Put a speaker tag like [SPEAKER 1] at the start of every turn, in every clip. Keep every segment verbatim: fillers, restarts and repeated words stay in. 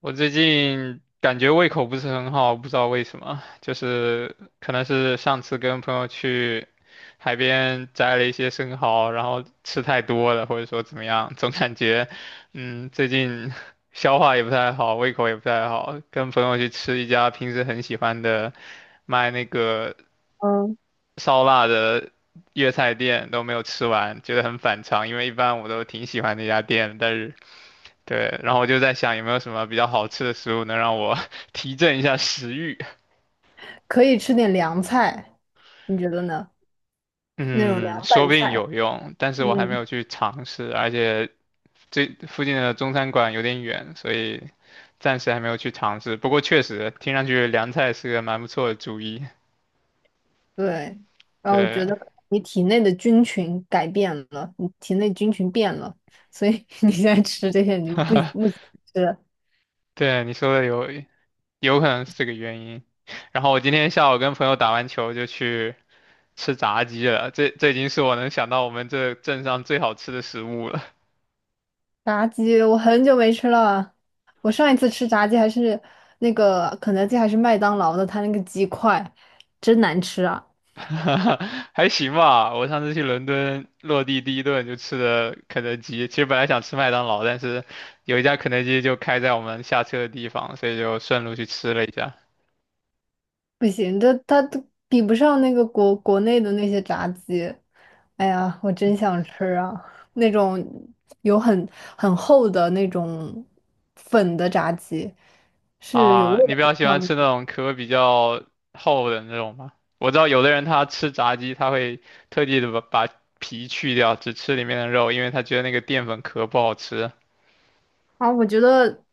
[SPEAKER 1] 我最近感觉胃口不是很好，不知道为什么，就是可能是上次跟朋友去海边摘了一些生蚝，然后吃太多了，或者说怎么样，总感觉，嗯，最近 消化也不太好，胃口也不太好。跟朋友去吃一家平时很喜欢的卖那个
[SPEAKER 2] 嗯，
[SPEAKER 1] 烧腊的粤菜店，都没有吃完，觉得很反常，因为一般我都挺喜欢那家店的，但是。对，然后我就在想有没有什么比较好吃的食物能让我 提振一下食欲。
[SPEAKER 2] 可以吃点凉菜，你觉得呢？那种凉
[SPEAKER 1] 嗯，说
[SPEAKER 2] 拌
[SPEAKER 1] 不定
[SPEAKER 2] 菜，
[SPEAKER 1] 有用，但是我还没
[SPEAKER 2] 嗯，
[SPEAKER 1] 有去尝试，而且这附近的中餐馆有点远，所以暂时还没有去尝试。不过确实听上去凉菜是个蛮不错的主意。
[SPEAKER 2] 对。然后我
[SPEAKER 1] 对，
[SPEAKER 2] 觉得你体内的菌群改变了，你体内菌群变了，所以 你现在吃这些你就不不 想吃了。
[SPEAKER 1] 对，你说的有有可能是这个原因。然后我今天下午跟朋友打完球就去吃炸鸡了，这这已经是我能想到我们这镇上最好吃的食物了。
[SPEAKER 2] 炸鸡我很久没吃了，我上一次吃炸鸡还是那个肯德基还是麦当劳的，它那个鸡块真难吃啊。
[SPEAKER 1] 还行吧。我上次去伦敦落地第一顿就吃的肯德基，其实本来想吃麦当劳，但是有一家肯德基就开在我们下车的地方，所以就顺路去吃了一下。
[SPEAKER 2] 不行，这它都比不上那个国国内的那些炸鸡。哎呀，我真想吃啊！那种有很很厚的那种粉的炸鸡，是有味
[SPEAKER 1] 啊，你
[SPEAKER 2] 道
[SPEAKER 1] 比
[SPEAKER 2] 的，
[SPEAKER 1] 较喜
[SPEAKER 2] 上
[SPEAKER 1] 欢
[SPEAKER 2] 面
[SPEAKER 1] 吃那
[SPEAKER 2] 的
[SPEAKER 1] 种壳比较厚的那种吗？我知道有的人他吃炸鸡，他会特地的把把皮去掉，只吃里面的肉，因为他觉得那个淀粉壳不好吃。
[SPEAKER 2] 啊。我觉得，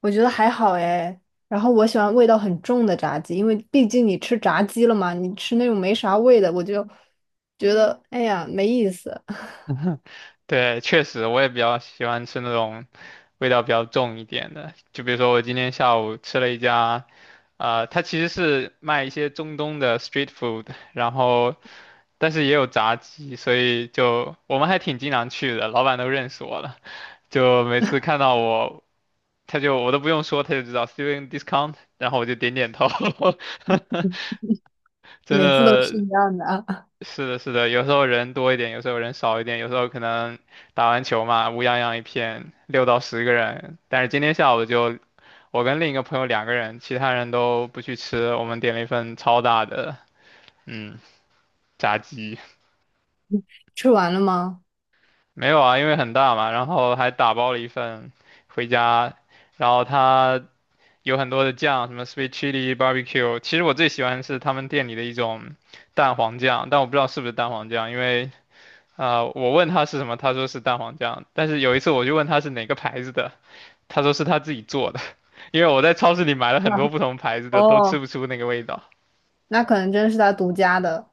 [SPEAKER 2] 我觉得还好哎。然后我喜欢味道很重的炸鸡，因为毕竟你吃炸鸡了嘛，你吃那种没啥味的，我就觉得哎呀没意思。
[SPEAKER 1] 对，确实，我也比较喜欢吃那种味道比较重一点的。就比如说，我今天下午吃了一家，呃，它其实是卖一些中东的 street food，然后但是也有炸鸡，所以就我们还挺经常去的，老板都认识我了。就每次看到我，他就我都不用说，他就知道 student discount，然后我就点点头，真
[SPEAKER 2] 每次都是
[SPEAKER 1] 的
[SPEAKER 2] 一样的啊。
[SPEAKER 1] 是的，是的，有时候人多一点，有时候人少一点，有时候可能打完球嘛，乌泱泱一片，六到十个人。但是今天下午就我跟另一个朋友两个人，其他人都不去吃，我们点了一份超大的，嗯，炸鸡。
[SPEAKER 2] 吃完了吗？
[SPEAKER 1] 没有啊，因为很大嘛，然后还打包了一份回家，然后它有很多的酱，什么 sweet chili barbecue。其实我最喜欢是他们店里的一种蛋黄酱，但我不知道是不是蛋黄酱，因为。啊、我问他是什么，他说是蛋黄酱。但是有一次我就问他是哪个牌子的，他说是他自己做的，因为我在超市里买了 很多
[SPEAKER 2] 啊，
[SPEAKER 1] 不同牌子的，都吃
[SPEAKER 2] 哦。
[SPEAKER 1] 不出那个味道。
[SPEAKER 2] 那可能真的是他独家的。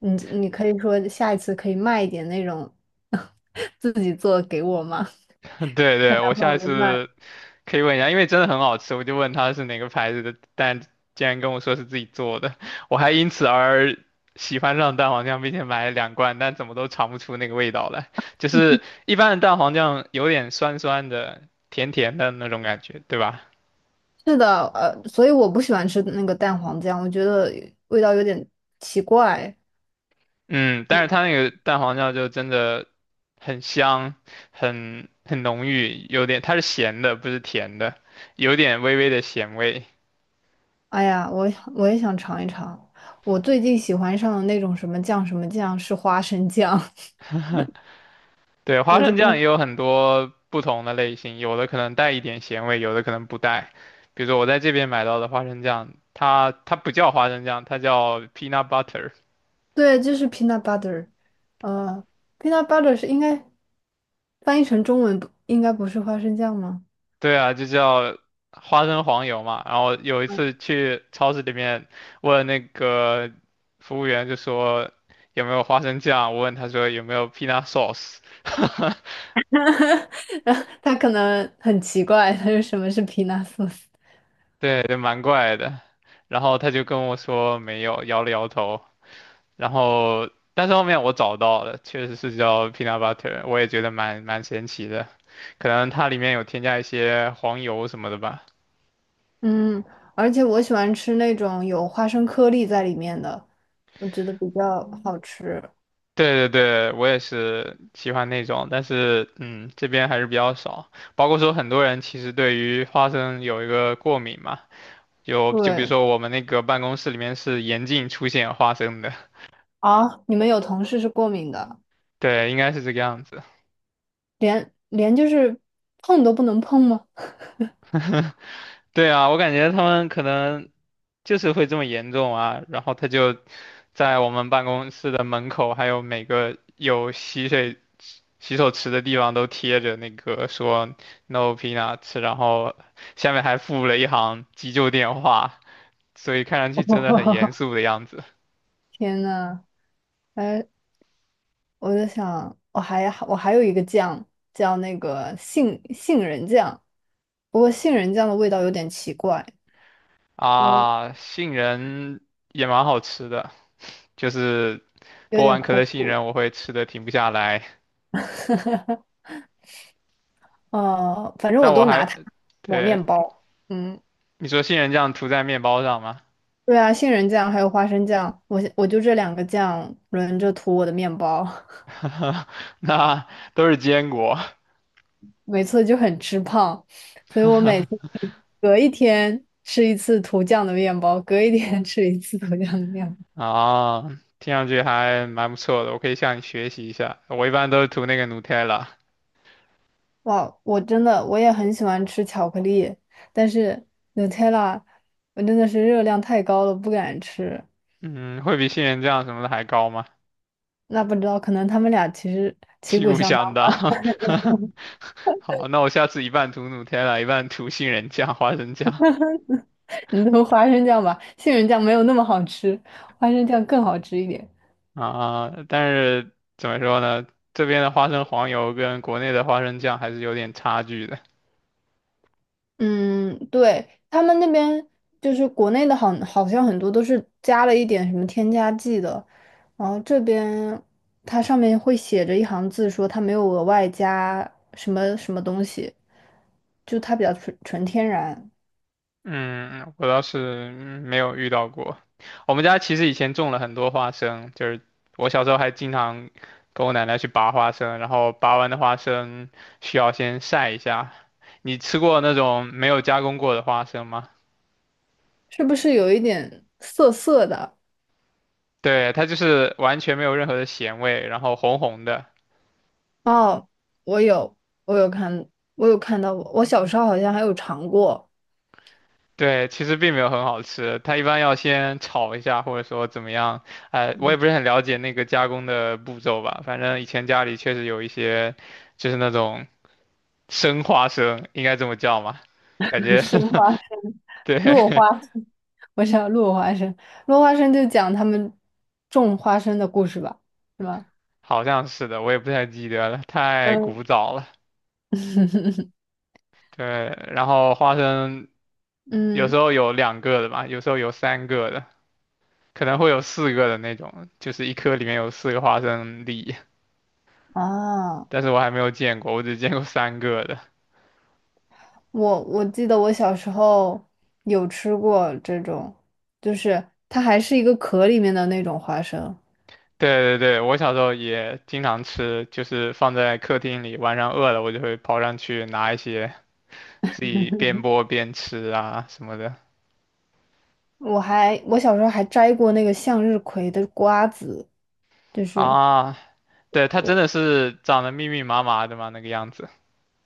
[SPEAKER 2] 你你可以说下一次可以卖一点那种 自己做给我吗？
[SPEAKER 1] 对
[SPEAKER 2] 咱
[SPEAKER 1] 对，我下一
[SPEAKER 2] 们不卖。
[SPEAKER 1] 次可以问一下，因为真的很好吃，我就问他是哪个牌子的，但竟然跟我说是自己做的，我还因此而喜欢上蛋黄酱，并且买了两罐，但怎么都尝不出那个味道来。就是一般的蛋黄酱有点酸酸的、甜甜的那种感觉，对吧？
[SPEAKER 2] 是的，呃，所以我不喜欢吃那个蛋黄酱，我觉得味道有点奇怪。
[SPEAKER 1] 嗯，但是它那个蛋黄酱就真的很香，很很浓郁，有点它是咸的，不是甜的，有点微微的咸味。
[SPEAKER 2] 哎呀，我我也想尝一尝。我最近喜欢上的那种什么酱什么酱是花生酱。
[SPEAKER 1] 对，花
[SPEAKER 2] 我觉
[SPEAKER 1] 生
[SPEAKER 2] 得
[SPEAKER 1] 酱也有很多不同的类型，有的可能带一点咸味，有的可能不带。比如说我在这边买到的花生酱，它它不叫花生酱，它叫 peanut butter。
[SPEAKER 2] 对，就是 peanut butter，呃，peanut butter 是应该翻译成中文不应该不是花生酱吗？
[SPEAKER 1] 对啊，就叫花生黄油嘛。然后有一次去超市里面问那个服务员，就说有没有花生酱，我问他说有没有 peanut sauce，
[SPEAKER 2] 然后他可能很奇怪，他说什么是皮纳素斯？
[SPEAKER 1] 对，就蛮怪的。然后他就跟我说没有，摇了摇头。然后但是后面我找到了，确实是叫 peanut butter，我也觉得蛮蛮神奇的，可能它里面有添加一些黄油什么的吧。
[SPEAKER 2] 嗯，而且我喜欢吃那种有花生颗粒在里面的，我觉得比较好吃。
[SPEAKER 1] 对对对，我也是喜欢那种，但是嗯，这边还是比较少。包括说很多人其实对于花生有一个过敏嘛，有就比如
[SPEAKER 2] 对
[SPEAKER 1] 说我们那个办公室里面是严禁出现花生的，
[SPEAKER 2] 啊，你们有同事是过敏的，
[SPEAKER 1] 对，应该是这个样子。
[SPEAKER 2] 连连就是碰都不能碰吗？
[SPEAKER 1] 对啊，我感觉他们可能就是会这么严重啊，然后他就在我们办公室的门口，还有每个有洗水洗手池的地方都贴着那个说 "No peanuts"，然后下面还附了一行急救电话，所以看上去真的很严肃的样子
[SPEAKER 2] 天呐，哎，我在想，我还我还有一个酱叫那个杏杏仁酱，不过杏仁酱的味道有点奇怪，我
[SPEAKER 1] 啊。杏仁也蛮好吃的，就是
[SPEAKER 2] 有
[SPEAKER 1] 剥
[SPEAKER 2] 点
[SPEAKER 1] 完壳的
[SPEAKER 2] 苦
[SPEAKER 1] 杏
[SPEAKER 2] 苦。
[SPEAKER 1] 仁，我会吃的停不下来，
[SPEAKER 2] 呃，反正我
[SPEAKER 1] 但我
[SPEAKER 2] 都拿
[SPEAKER 1] 还。
[SPEAKER 2] 它抹
[SPEAKER 1] 对，
[SPEAKER 2] 面包。嗯，
[SPEAKER 1] 你说杏仁酱涂在面包上吗？
[SPEAKER 2] 对啊，杏仁酱还有花生酱，我我就这两个酱轮着涂我的面包。
[SPEAKER 1] 那都是坚果
[SPEAKER 2] 每次就很吃胖，所以我每次隔一天吃一次涂酱的面包，隔一天 吃一次涂酱的面包。
[SPEAKER 1] 啊，听上去还蛮不错的，我可以向你学习一下。我一般都是涂那个 Nutella，
[SPEAKER 2] 哇，我真的我也很喜欢吃巧克力，但是 Nutella 我真的是热量太高了，不敢吃。
[SPEAKER 1] 嗯，会比杏仁酱什么的还高吗？
[SPEAKER 2] 那不知道，可能他们俩其实旗
[SPEAKER 1] 旗
[SPEAKER 2] 鼓
[SPEAKER 1] 鼓
[SPEAKER 2] 相
[SPEAKER 1] 相
[SPEAKER 2] 当。
[SPEAKER 1] 当。好，那我下次一半涂 Nutella，一半涂杏仁酱、花生酱
[SPEAKER 2] 你都花生酱吧，杏仁酱没有那么好吃，花生酱更好吃一点。
[SPEAKER 1] 啊。但是怎么说呢，这边的花生黄油跟国内的花生酱还是有点差距的。
[SPEAKER 2] 嗯，对，他们那边就是国内的好，好像很多都是加了一点什么添加剂的，然后这边它上面会写着一行字说它没有额外加什么什么东西，就它比较纯纯天然，
[SPEAKER 1] 嗯，我倒是没有遇到过。我们家其实以前种了很多花生，就是我小时候还经常跟我奶奶去拔花生，然后拔完的花生需要先晒一下。你吃过那种没有加工过的花生吗？
[SPEAKER 2] 是不是有一点涩涩的？
[SPEAKER 1] 对，它就是完全没有任何的咸味，然后红红的。
[SPEAKER 2] 哦，我有，我有看，我有看到过，我小时候好像还有尝过。
[SPEAKER 1] 对，其实并没有很好吃，它一般要先炒一下，或者说怎么样，哎，我也不是很了解那个加工的步骤吧，反正以前家里确实有一些，就是那种。生花生，应该这么叫吗？感 觉
[SPEAKER 2] 生花。生。落
[SPEAKER 1] 对，
[SPEAKER 2] 花生，我想道落花生，落花生就讲他们种花生的故事吧，是吧？
[SPEAKER 1] 好像是的，我也不太记得了，太
[SPEAKER 2] 嗯，
[SPEAKER 1] 古早了。对，然后花生有
[SPEAKER 2] 嗯
[SPEAKER 1] 时候有两个的吧，有时候有三个的，可能会有四个的那种，就是一颗里面有四个花生粒，
[SPEAKER 2] 啊，
[SPEAKER 1] 但是我还没有见过，我只见过三个的。
[SPEAKER 2] 我我记得我小时候有吃过这种，就是它还是一个壳里面的那种花生。
[SPEAKER 1] 对对对，我小时候也经常吃，就是放在客厅里，晚上饿了我就会跑上去拿一些，自己边剥边吃啊什么的。
[SPEAKER 2] 我还我小时候还摘过那个向日葵的瓜子，就是。
[SPEAKER 1] 啊，对，它真
[SPEAKER 2] 我。
[SPEAKER 1] 的是长得密密麻麻的嘛，那个样子。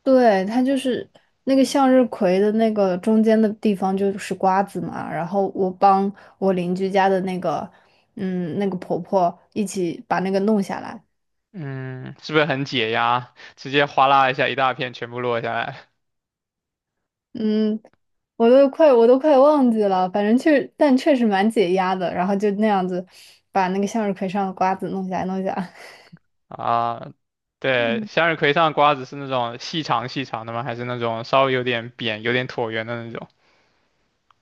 [SPEAKER 2] 对，它就是那个向日葵的那个中间的地方就是瓜子嘛，然后我帮我邻居家的那个，嗯，那个婆婆一起把那个弄下来。
[SPEAKER 1] 嗯，是不是很解压？直接哗啦一下，一大片全部落下来
[SPEAKER 2] 嗯，我都快我都快忘记了，反正确但确实蛮解压的，然后就那样子把那个向日葵上的瓜子弄下来弄下来，
[SPEAKER 1] 啊！对，
[SPEAKER 2] 嗯，
[SPEAKER 1] 向日葵上的瓜子是那种细长细长的吗？还是那种稍微有点扁、有点椭圆的那种？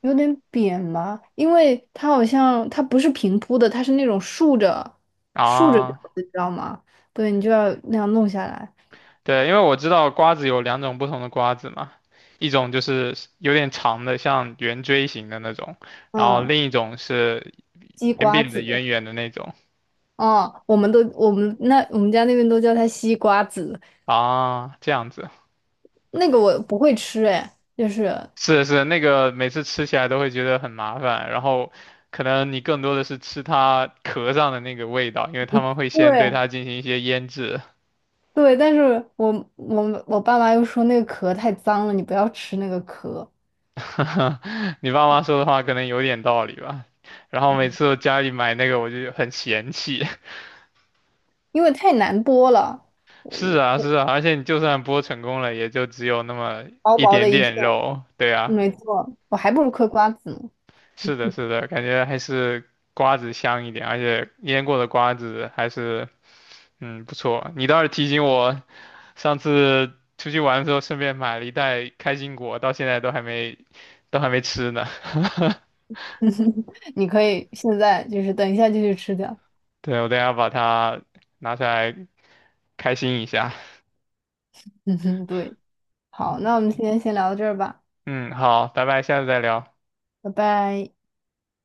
[SPEAKER 2] 有点扁嘛，因为它好像它不是平铺的，它是那种竖着竖着的，
[SPEAKER 1] 啊，
[SPEAKER 2] 你知道吗？对，你就要那样弄下来。
[SPEAKER 1] 对，因为我知道瓜子有两种不同的瓜子嘛，一种就是有点长的，像圆锥形的那种，然后
[SPEAKER 2] 嗯，
[SPEAKER 1] 另一种是
[SPEAKER 2] 西
[SPEAKER 1] 扁
[SPEAKER 2] 瓜
[SPEAKER 1] 扁的、
[SPEAKER 2] 子
[SPEAKER 1] 圆圆的那种。
[SPEAKER 2] 啊，哦我们都我们那我们家那边都叫它西瓜子，
[SPEAKER 1] 啊，这样子。
[SPEAKER 2] 那个我不会吃哎，就是
[SPEAKER 1] 是是，那个每次吃起来都会觉得很麻烦，然后可能你更多的是吃它壳上的那个味道，因为他们会先对
[SPEAKER 2] 对，
[SPEAKER 1] 它进行一些腌制。
[SPEAKER 2] 对，但是我我我爸妈又说那个壳太脏了，你不要吃那个壳，
[SPEAKER 1] 你爸妈说的话可能有点道理吧。然后每次我家里买那个，我就很嫌弃。
[SPEAKER 2] 因为太难剥了，
[SPEAKER 1] 是
[SPEAKER 2] 我
[SPEAKER 1] 啊，
[SPEAKER 2] 我
[SPEAKER 1] 是啊，而且你就算剥成功了，也就只有那么
[SPEAKER 2] 薄
[SPEAKER 1] 一
[SPEAKER 2] 薄的
[SPEAKER 1] 点
[SPEAKER 2] 一片，
[SPEAKER 1] 点肉。对啊，
[SPEAKER 2] 没错，我还不如嗑瓜子呢。
[SPEAKER 1] 是的，是的，感觉还是瓜子香一点，而且腌过的瓜子还是。嗯，不错，你倒是提醒我上次出去玩的时候顺便买了一袋开心果，到现在都还没都还没吃呢。
[SPEAKER 2] 你可以现在就是等一下就去吃掉。
[SPEAKER 1] 对，我等一下把它拿出来开心一下。
[SPEAKER 2] 嗯哼，对，好，那我们今天先聊到这儿吧，
[SPEAKER 1] 嗯，好，拜拜，下次再聊。
[SPEAKER 2] 拜拜。